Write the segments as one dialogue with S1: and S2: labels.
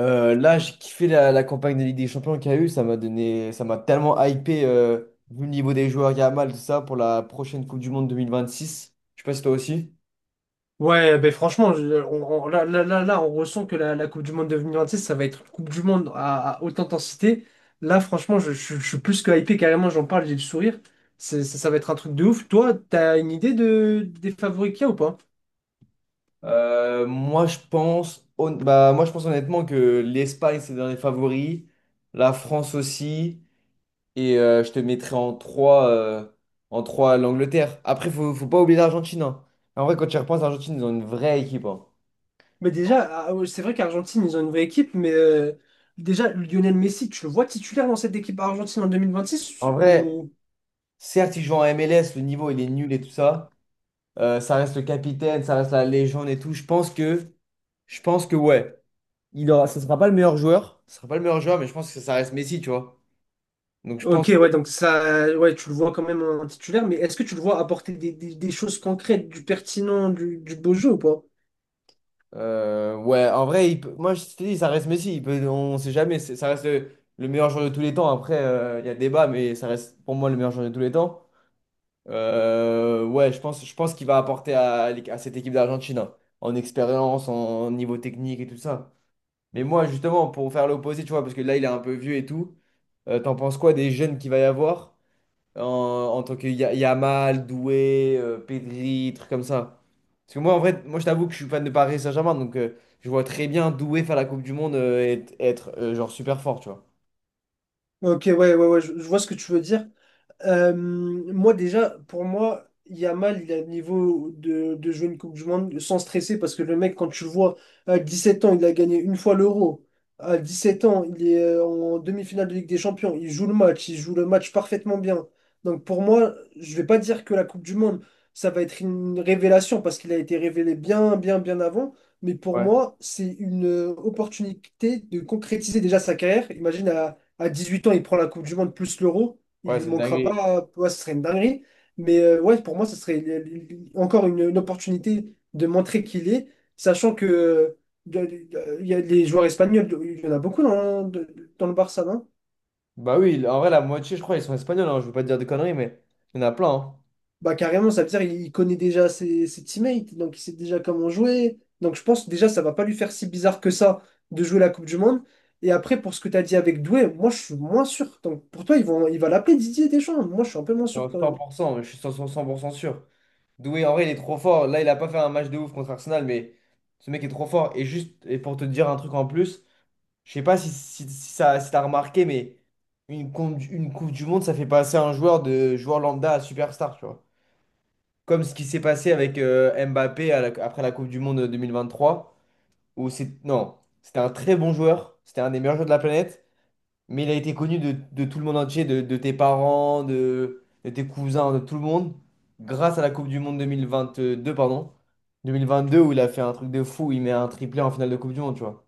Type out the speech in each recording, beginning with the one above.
S1: Là, j'ai kiffé la campagne de Ligue des Champions qu'il y a eu. Ça m'a tellement hypé, vu le niveau des joueurs, Yamal, tout ça, pour la prochaine Coupe du Monde 2026. Je sais pas si toi aussi.
S2: Ouais, ben franchement, là, on ressent que la Coupe du Monde 2026, ça va être une Coupe du Monde à haute intensité. Là, franchement, je suis plus que hypé, carrément, j'en parle, j'ai le sourire. Ça va être un truc de ouf. Toi, t'as une idée des favoris qu'il y a ou pas?
S1: Moi, je pense, honnêtement que l'Espagne, c'est dans les favoris. La France aussi. Et je te mettrai en 3, l'Angleterre. Après, faut pas oublier l'Argentine, hein. En vrai, quand tu y repenses, l'Argentine, ils ont une vraie équipe, hein.
S2: Mais déjà, ah, ouais, c'est vrai qu'Argentine, ils ont une vraie équipe, mais déjà, Lionel Messi, tu le vois titulaire dans cette équipe argentine en 2026
S1: En vrai,
S2: ou...
S1: certes, ils jouent en MLS, le niveau, il est nul et tout ça. Ça reste le capitaine, ça reste la légende et tout. Je pense que ouais, ça sera pas le meilleur joueur, mais je pense que ça reste Messi, tu vois. Donc je
S2: Ok,
S1: pense, que,
S2: ouais, donc ça, ouais, tu le vois quand même en titulaire, mais est-ce que tu le vois apporter des choses concrètes, du pertinent, du beau jeu ou pas?
S1: ouais, en vrai, moi je te dis, ça reste Messi. Il peut, on sait jamais, ça reste le meilleur joueur de tous les temps. Après, il y a débat, mais ça reste pour moi le meilleur joueur de tous les temps. Ouais, je pense qu'il va apporter à cette équipe d'Argentine, hein, en expérience, en niveau technique et tout ça. Mais moi, justement, pour faire l'opposé, tu vois, parce que là, il est un peu vieux et tout. T'en penses quoi des jeunes qu'il va y avoir en tant que Yamal, Doué, Pedri, trucs comme ça? Parce que moi, en vrai, moi je t'avoue que je suis fan de Paris Saint-Germain, donc je vois très bien Doué faire la Coupe du Monde, et être genre super fort, tu vois.
S2: Ok, ouais, ouais, ouais, je vois ce que tu veux dire. Moi, déjà, pour moi, Yamal, il a le niveau de jouer une Coupe du Monde sans stresser parce que le mec, quand tu le vois, à 17 ans, il a gagné une fois l'Euro. À 17 ans, il est en demi-finale de Ligue des Champions. Il joue le match, il joue le match parfaitement bien. Donc, pour moi, je vais pas dire que la Coupe du Monde, ça va être une révélation parce qu'il a été révélé bien, bien, bien avant. Mais pour
S1: Ouais,
S2: moi, c'est une opportunité de concrétiser déjà sa carrière. Imagine, à 18 ans, il prend la Coupe du Monde plus l'Euro il
S1: ouais,
S2: lui
S1: c'est une
S2: manquera
S1: dinguerie.
S2: pas, ouais, ce serait une dinguerie. Mais ouais, pour moi, ce serait encore une opportunité de montrer qu'il est, sachant que il y a les joueurs espagnols, il y en a beaucoup dans le Barça, non?
S1: Bah oui, en vrai, la moitié, je crois, ils sont espagnols, hein, je veux pas te dire de conneries, mais il y en a plein, hein.
S2: Bah carrément, ça veut dire qu'il connaît déjà ses teammates, donc il sait déjà comment jouer. Donc je pense déjà ça va pas lui faire si bizarre que ça de jouer la Coupe du Monde. Et après, pour ce que tu as dit avec Doué, moi je suis moins sûr. Donc pour toi, il va l'appeler Didier Deschamps. Moi je suis un peu moins sûr
S1: Non,
S2: quand même.
S1: 100%, mais je suis 100%, 100% sûr. Doué, en vrai, il est trop fort. Là, il a pas fait un match de ouf contre Arsenal, mais ce mec est trop fort. Et juste, pour te dire un truc en plus. Je sais pas si t'as remarqué, mais une Coupe du Monde, ça fait passer un joueur de joueur lambda à superstar, tu vois. Comme ce qui s'est passé avec Mbappé après la Coupe du Monde 2023, où c'est, non, c'était un très bon joueur, c'était un des meilleurs joueurs de la planète, mais il a été connu de tout le monde entier, de tes parents, de tes cousins, de tout le monde, grâce à la Coupe du Monde 2022, pardon, 2022, où il a fait un truc de fou, il met un triplé en finale de Coupe du Monde, tu vois.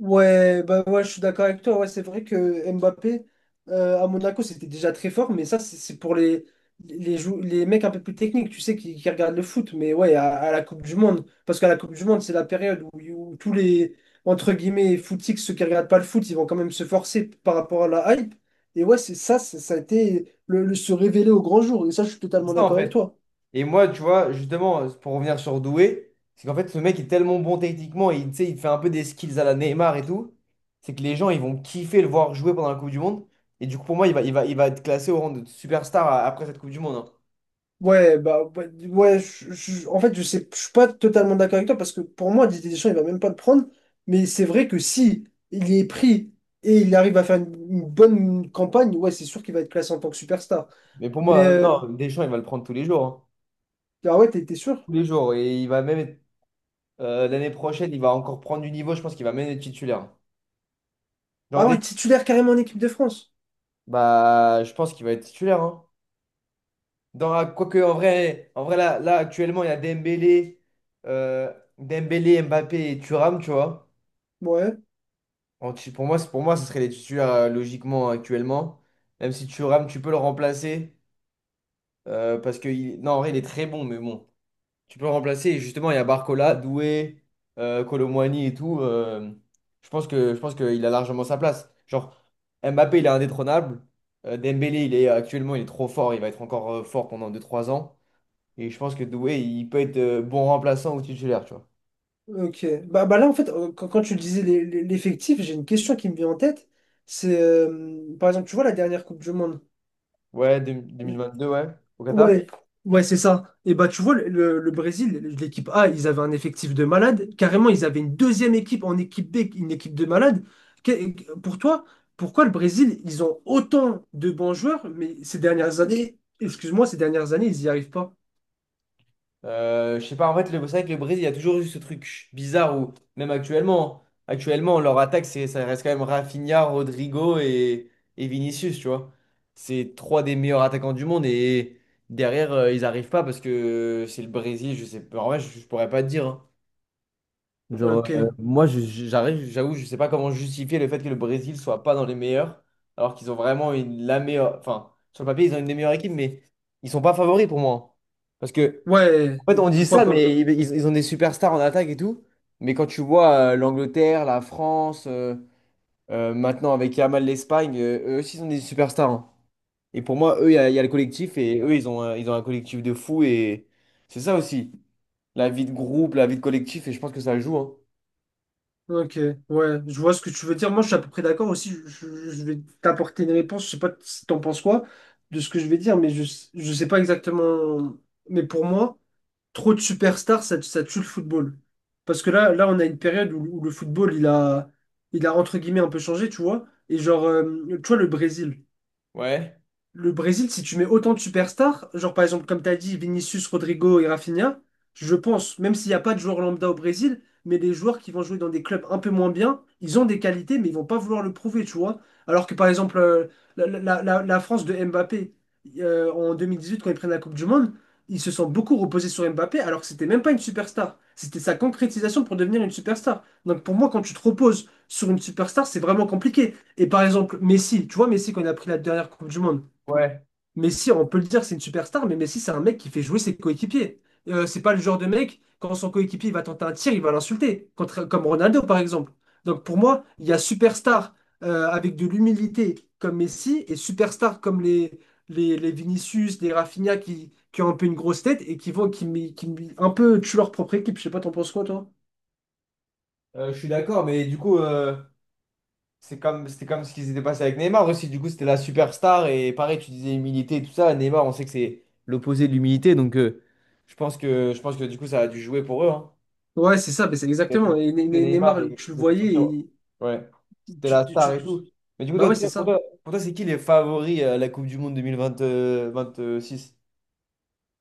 S2: Ouais, bah ouais, je suis d'accord avec toi. Ouais, c'est vrai que Mbappé à Monaco c'était déjà très fort, mais ça c'est pour les mecs un peu plus techniques, tu sais, qui regardent le foot. Mais ouais, à la Coupe du Monde, parce qu'à la Coupe du Monde c'est la période où tous les entre guillemets footix, ceux qui regardent pas le foot, ils vont quand même se forcer par rapport à la hype. Et ouais, c'est ça, ça a été le se révéler au grand jour. Et ça, je suis
S1: C'est
S2: totalement
S1: ça, en
S2: d'accord avec
S1: fait.
S2: toi.
S1: Et moi, tu vois, justement, pour revenir sur Doué, c'est qu'en fait, ce mec est tellement bon techniquement et tu sais, il fait un peu des skills à la Neymar et tout. C'est que les gens, ils vont kiffer le voir jouer pendant la Coupe du Monde. Et du coup, pour moi, il va être classé au rang de superstar après cette Coupe du Monde, hein.
S2: Ouais, bah, ouais, en fait, je sais, je suis pas totalement d'accord avec toi parce que pour moi, Didier Deschamps, il va même pas le prendre. Mais c'est vrai que si il est pris et il arrive à faire une bonne campagne, ouais, c'est sûr qu'il va être classé en tant que superstar.
S1: Mais pour
S2: Mais
S1: moi, non, Deschamps, il va le prendre tous les jours, hein.
S2: ah ouais, t'es sûr?
S1: Tous les jours. Et il va même être, l'année prochaine, il va encore prendre du niveau. Je pense qu'il va même être titulaire. Genre,
S2: Ah ouais,
S1: Deschamps,
S2: titulaire carrément en équipe de France.
S1: bah, je pense qu'il va être titulaire, hein. Quoique, en vrai actuellement, il y a euh, Dembélé, Mbappé et Thuram, tu vois.
S2: Ouais,
S1: Pour moi, ce serait les titulaires logiquement actuellement. Même si Thuram, tu peux le remplacer. Parce que, non, en vrai, il est très bon, mais bon. Tu peux le remplacer. Et justement, il y a Barcola, Doué, Kolo Muani et tout. Je pense qu'il a largement sa place. Genre, Mbappé, il est indétrônable. Dembélé, il est trop fort. Il va être encore fort pendant deux trois ans. Et je pense que Doué, il peut être bon remplaçant ou titulaire, tu vois.
S2: ok. Bah là, en fait, quand tu disais l'effectif, j'ai une question qui me vient en tête. C'est, par exemple, tu vois la dernière Coupe du Monde.
S1: Ouais, 2022, ouais, au Qatar.
S2: Ouais, ouais, c'est ça. Et bah, tu vois, le Brésil, l'équipe A, ils avaient un effectif de malade. Carrément, ils avaient une deuxième équipe en équipe B, une équipe de malade. Pour toi, pourquoi le Brésil, ils ont autant de bons joueurs, mais ces dernières années, excuse-moi, ces dernières années, ils n'y arrivent pas.
S1: Je sais pas, en fait, c'est vrai que le Brésil, il y a toujours eu ce truc bizarre où, même actuellement, leur attaque, ça reste quand même Rafinha, Rodrigo et Vinicius, tu vois. C'est trois des meilleurs attaquants du monde et derrière, ils arrivent pas parce que c'est le Brésil, je sais pas. En vrai, je pourrais pas te dire, hein. Genre,
S2: Ok.
S1: moi, j'avoue, je sais pas comment justifier le fait que le Brésil soit pas dans les meilleurs, alors qu'ils ont vraiment la meilleure. Enfin, sur le papier, ils ont une des meilleures équipes, mais ils sont pas favoris pour moi, hein. Parce que,
S2: Ouais,
S1: en fait, on dit
S2: pourquoi
S1: ça,
S2: pas?
S1: mais ils ont des superstars en attaque et tout. Mais quand tu vois l'Angleterre, la France, maintenant avec Yamal l'Espagne, eux aussi, ils ont des superstars, hein. Et pour moi, eux, il y a le collectif, et eux, ils ont un collectif de fou, et c'est ça aussi. La vie de groupe, la vie de collectif, et je pense que ça joue, hein.
S2: Ok, ouais, je vois ce que tu veux dire. Moi, je suis à peu près d'accord aussi. Je vais t'apporter une réponse. Je sais pas si t'en penses quoi de ce que je vais dire, mais je sais pas exactement. Mais pour moi, trop de superstars, ça tue le football. Parce que là, on a une période où le football, il a entre guillemets un peu changé, tu vois. Et genre, tu vois, le Brésil.
S1: Ouais.
S2: Le Brésil, si tu mets autant de superstars, genre par exemple, comme tu as dit, Vinicius, Rodrigo et Rafinha, je pense, même s'il n'y a pas de joueurs lambda au Brésil, mais les joueurs qui vont jouer dans des clubs un peu moins bien, ils ont des qualités, mais ils vont pas vouloir le prouver, tu vois. Alors que par exemple, la France de Mbappé, en 2018, quand ils prennent la Coupe du Monde, ils se sont beaucoup reposés sur Mbappé, alors que c'était même pas une superstar. C'était sa concrétisation pour devenir une superstar. Donc pour moi, quand tu te reposes sur une superstar, c'est vraiment compliqué. Et par exemple, Messi, tu vois, Messi, quand il a pris la dernière Coupe du Monde,
S1: Ouais,
S2: Messi, on peut le dire, c'est une superstar, mais Messi, c'est un mec qui fait jouer ses coéquipiers. C'est pas le genre de mec, quand son coéquipier il va tenter un tir, il va l'insulter, comme Ronaldo par exemple. Donc pour moi, il y a superstar avec de l'humilité comme Messi et superstar comme les Vinicius, les Rafinha qui ont un peu une grosse tête et qui vont qui mi- un peu tuent leur propre équipe. Je sais pas, t'en penses quoi, toi?
S1: je suis d'accord, mais du coup, c'était comme ce qui s'était passé avec Neymar aussi. Du coup, c'était la superstar et pareil, tu disais humilité et tout ça. Neymar, on sait que c'est l'opposé de l'humilité, donc je pense que du coup, ça a dû jouer pour eux, hein.
S2: Ouais, c'est ça, mais c'est
S1: Il y a
S2: exactement.
S1: toujours
S2: Et
S1: ce truc de Neymar
S2: Neymar,
S1: et
S2: tu le
S1: de se
S2: voyais
S1: sentir.
S2: et
S1: Ouais, c'était
S2: tu,
S1: la
S2: tu-
S1: star
S2: tu-
S1: et tout. Mais du coup,
S2: Bah ouais, c'est ça.
S1: pour toi, c'est qui les favoris à la Coupe du Monde 2026?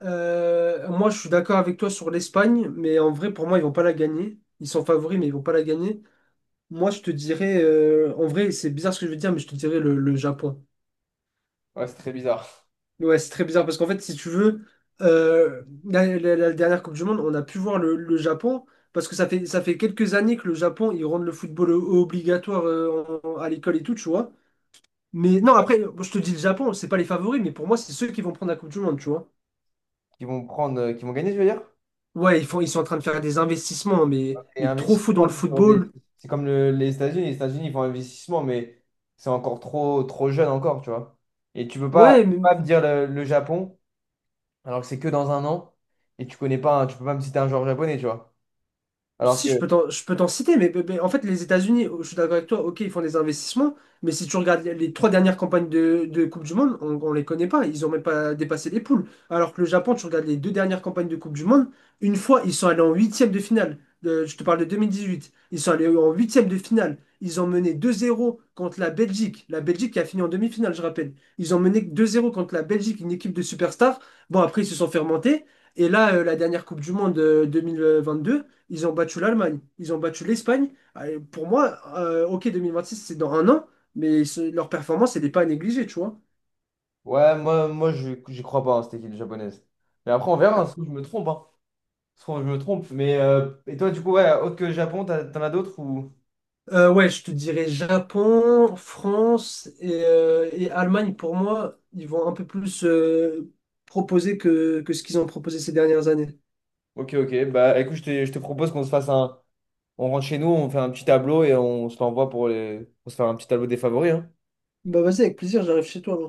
S2: Moi, je suis d'accord avec toi sur l'Espagne, mais en vrai, pour moi, ils vont pas la gagner. Ils sont favoris, mais ils vont pas la gagner. Moi, je te dirais, en vrai, c'est bizarre ce que je veux dire, mais je te dirais le Japon.
S1: Ouais, c'est très bizarre.
S2: Ouais, c'est très bizarre parce qu'en fait, si tu veux, la dernière Coupe du Monde, on a pu voir le Japon parce que ça fait quelques années que le Japon, ils rendent le football obligatoire à l'école et tout, tu vois. Mais non,
S1: Ouais.
S2: après, je te dis le Japon, c'est pas les favoris, mais pour moi, c'est ceux qui vont prendre la Coupe du Monde, tu vois.
S1: Qui vont gagner, je veux dire?
S2: Ouais, ils sont en train de faire des investissements, mais,
S1: Et
S2: mais trop fous dans
S1: investissement,
S2: le
S1: c'est sur
S2: football.
S1: c'est comme les États-Unis. Les États-Unis, ils font investissement, mais c'est encore trop, trop jeune encore, tu vois. Et tu peux pas, tu
S2: Ouais,
S1: peux
S2: mais
S1: pas me dire le Japon, alors que c'est que dans un an, et tu connais pas, tu peux pas me citer un joueur japonais, tu vois. Alors
S2: si,
S1: que,
S2: je peux t'en citer, mais en fait, les États-Unis, oh, je suis d'accord avec toi, ok, ils font des investissements, mais si tu regardes les trois dernières campagnes de Coupe du Monde, on les connaît pas, ils ont même pas dépassé les poules. Alors que le Japon, tu regardes les deux dernières campagnes de Coupe du Monde, une fois, ils sont allés en huitième de finale. Je te parle de 2018. Ils sont allés en huitième de finale. Ils ont mené 2-0 contre la Belgique. La Belgique qui a fini en demi-finale, je rappelle. Ils ont mené 2-0 contre la Belgique, une équipe de superstars. Bon, après, ils se sont fait remonter. Et là, la dernière Coupe du Monde 2022. Ils ont battu l'Allemagne, ils ont battu l'Espagne. Allez, pour moi, OK, 2026, c'est dans un an, mais leur performance, elle n'est pas à négliger, tu vois.
S1: ouais, moi je j'y crois pas, hein, cette équipe japonaise. Mais après, on verra, hein, ça se trouve, je me trompe, hein. Ça se trouve, je me trompe. Mais, et toi, du coup, ouais, autre que le Japon, t'en as d'autres ou...
S2: Ouais, je te dirais Japon, France et Allemagne, pour moi, ils vont un peu plus proposer que ce qu'ils ont proposé ces dernières années.
S1: Ok, ok, bah écoute, je te propose qu'on se fasse un... On rentre chez nous, on fait un petit tableau et on se l'envoie pour les... pour se faire un petit tableau des favoris, hein.
S2: Bah vas-y, avec plaisir, j'arrive chez toi. Là.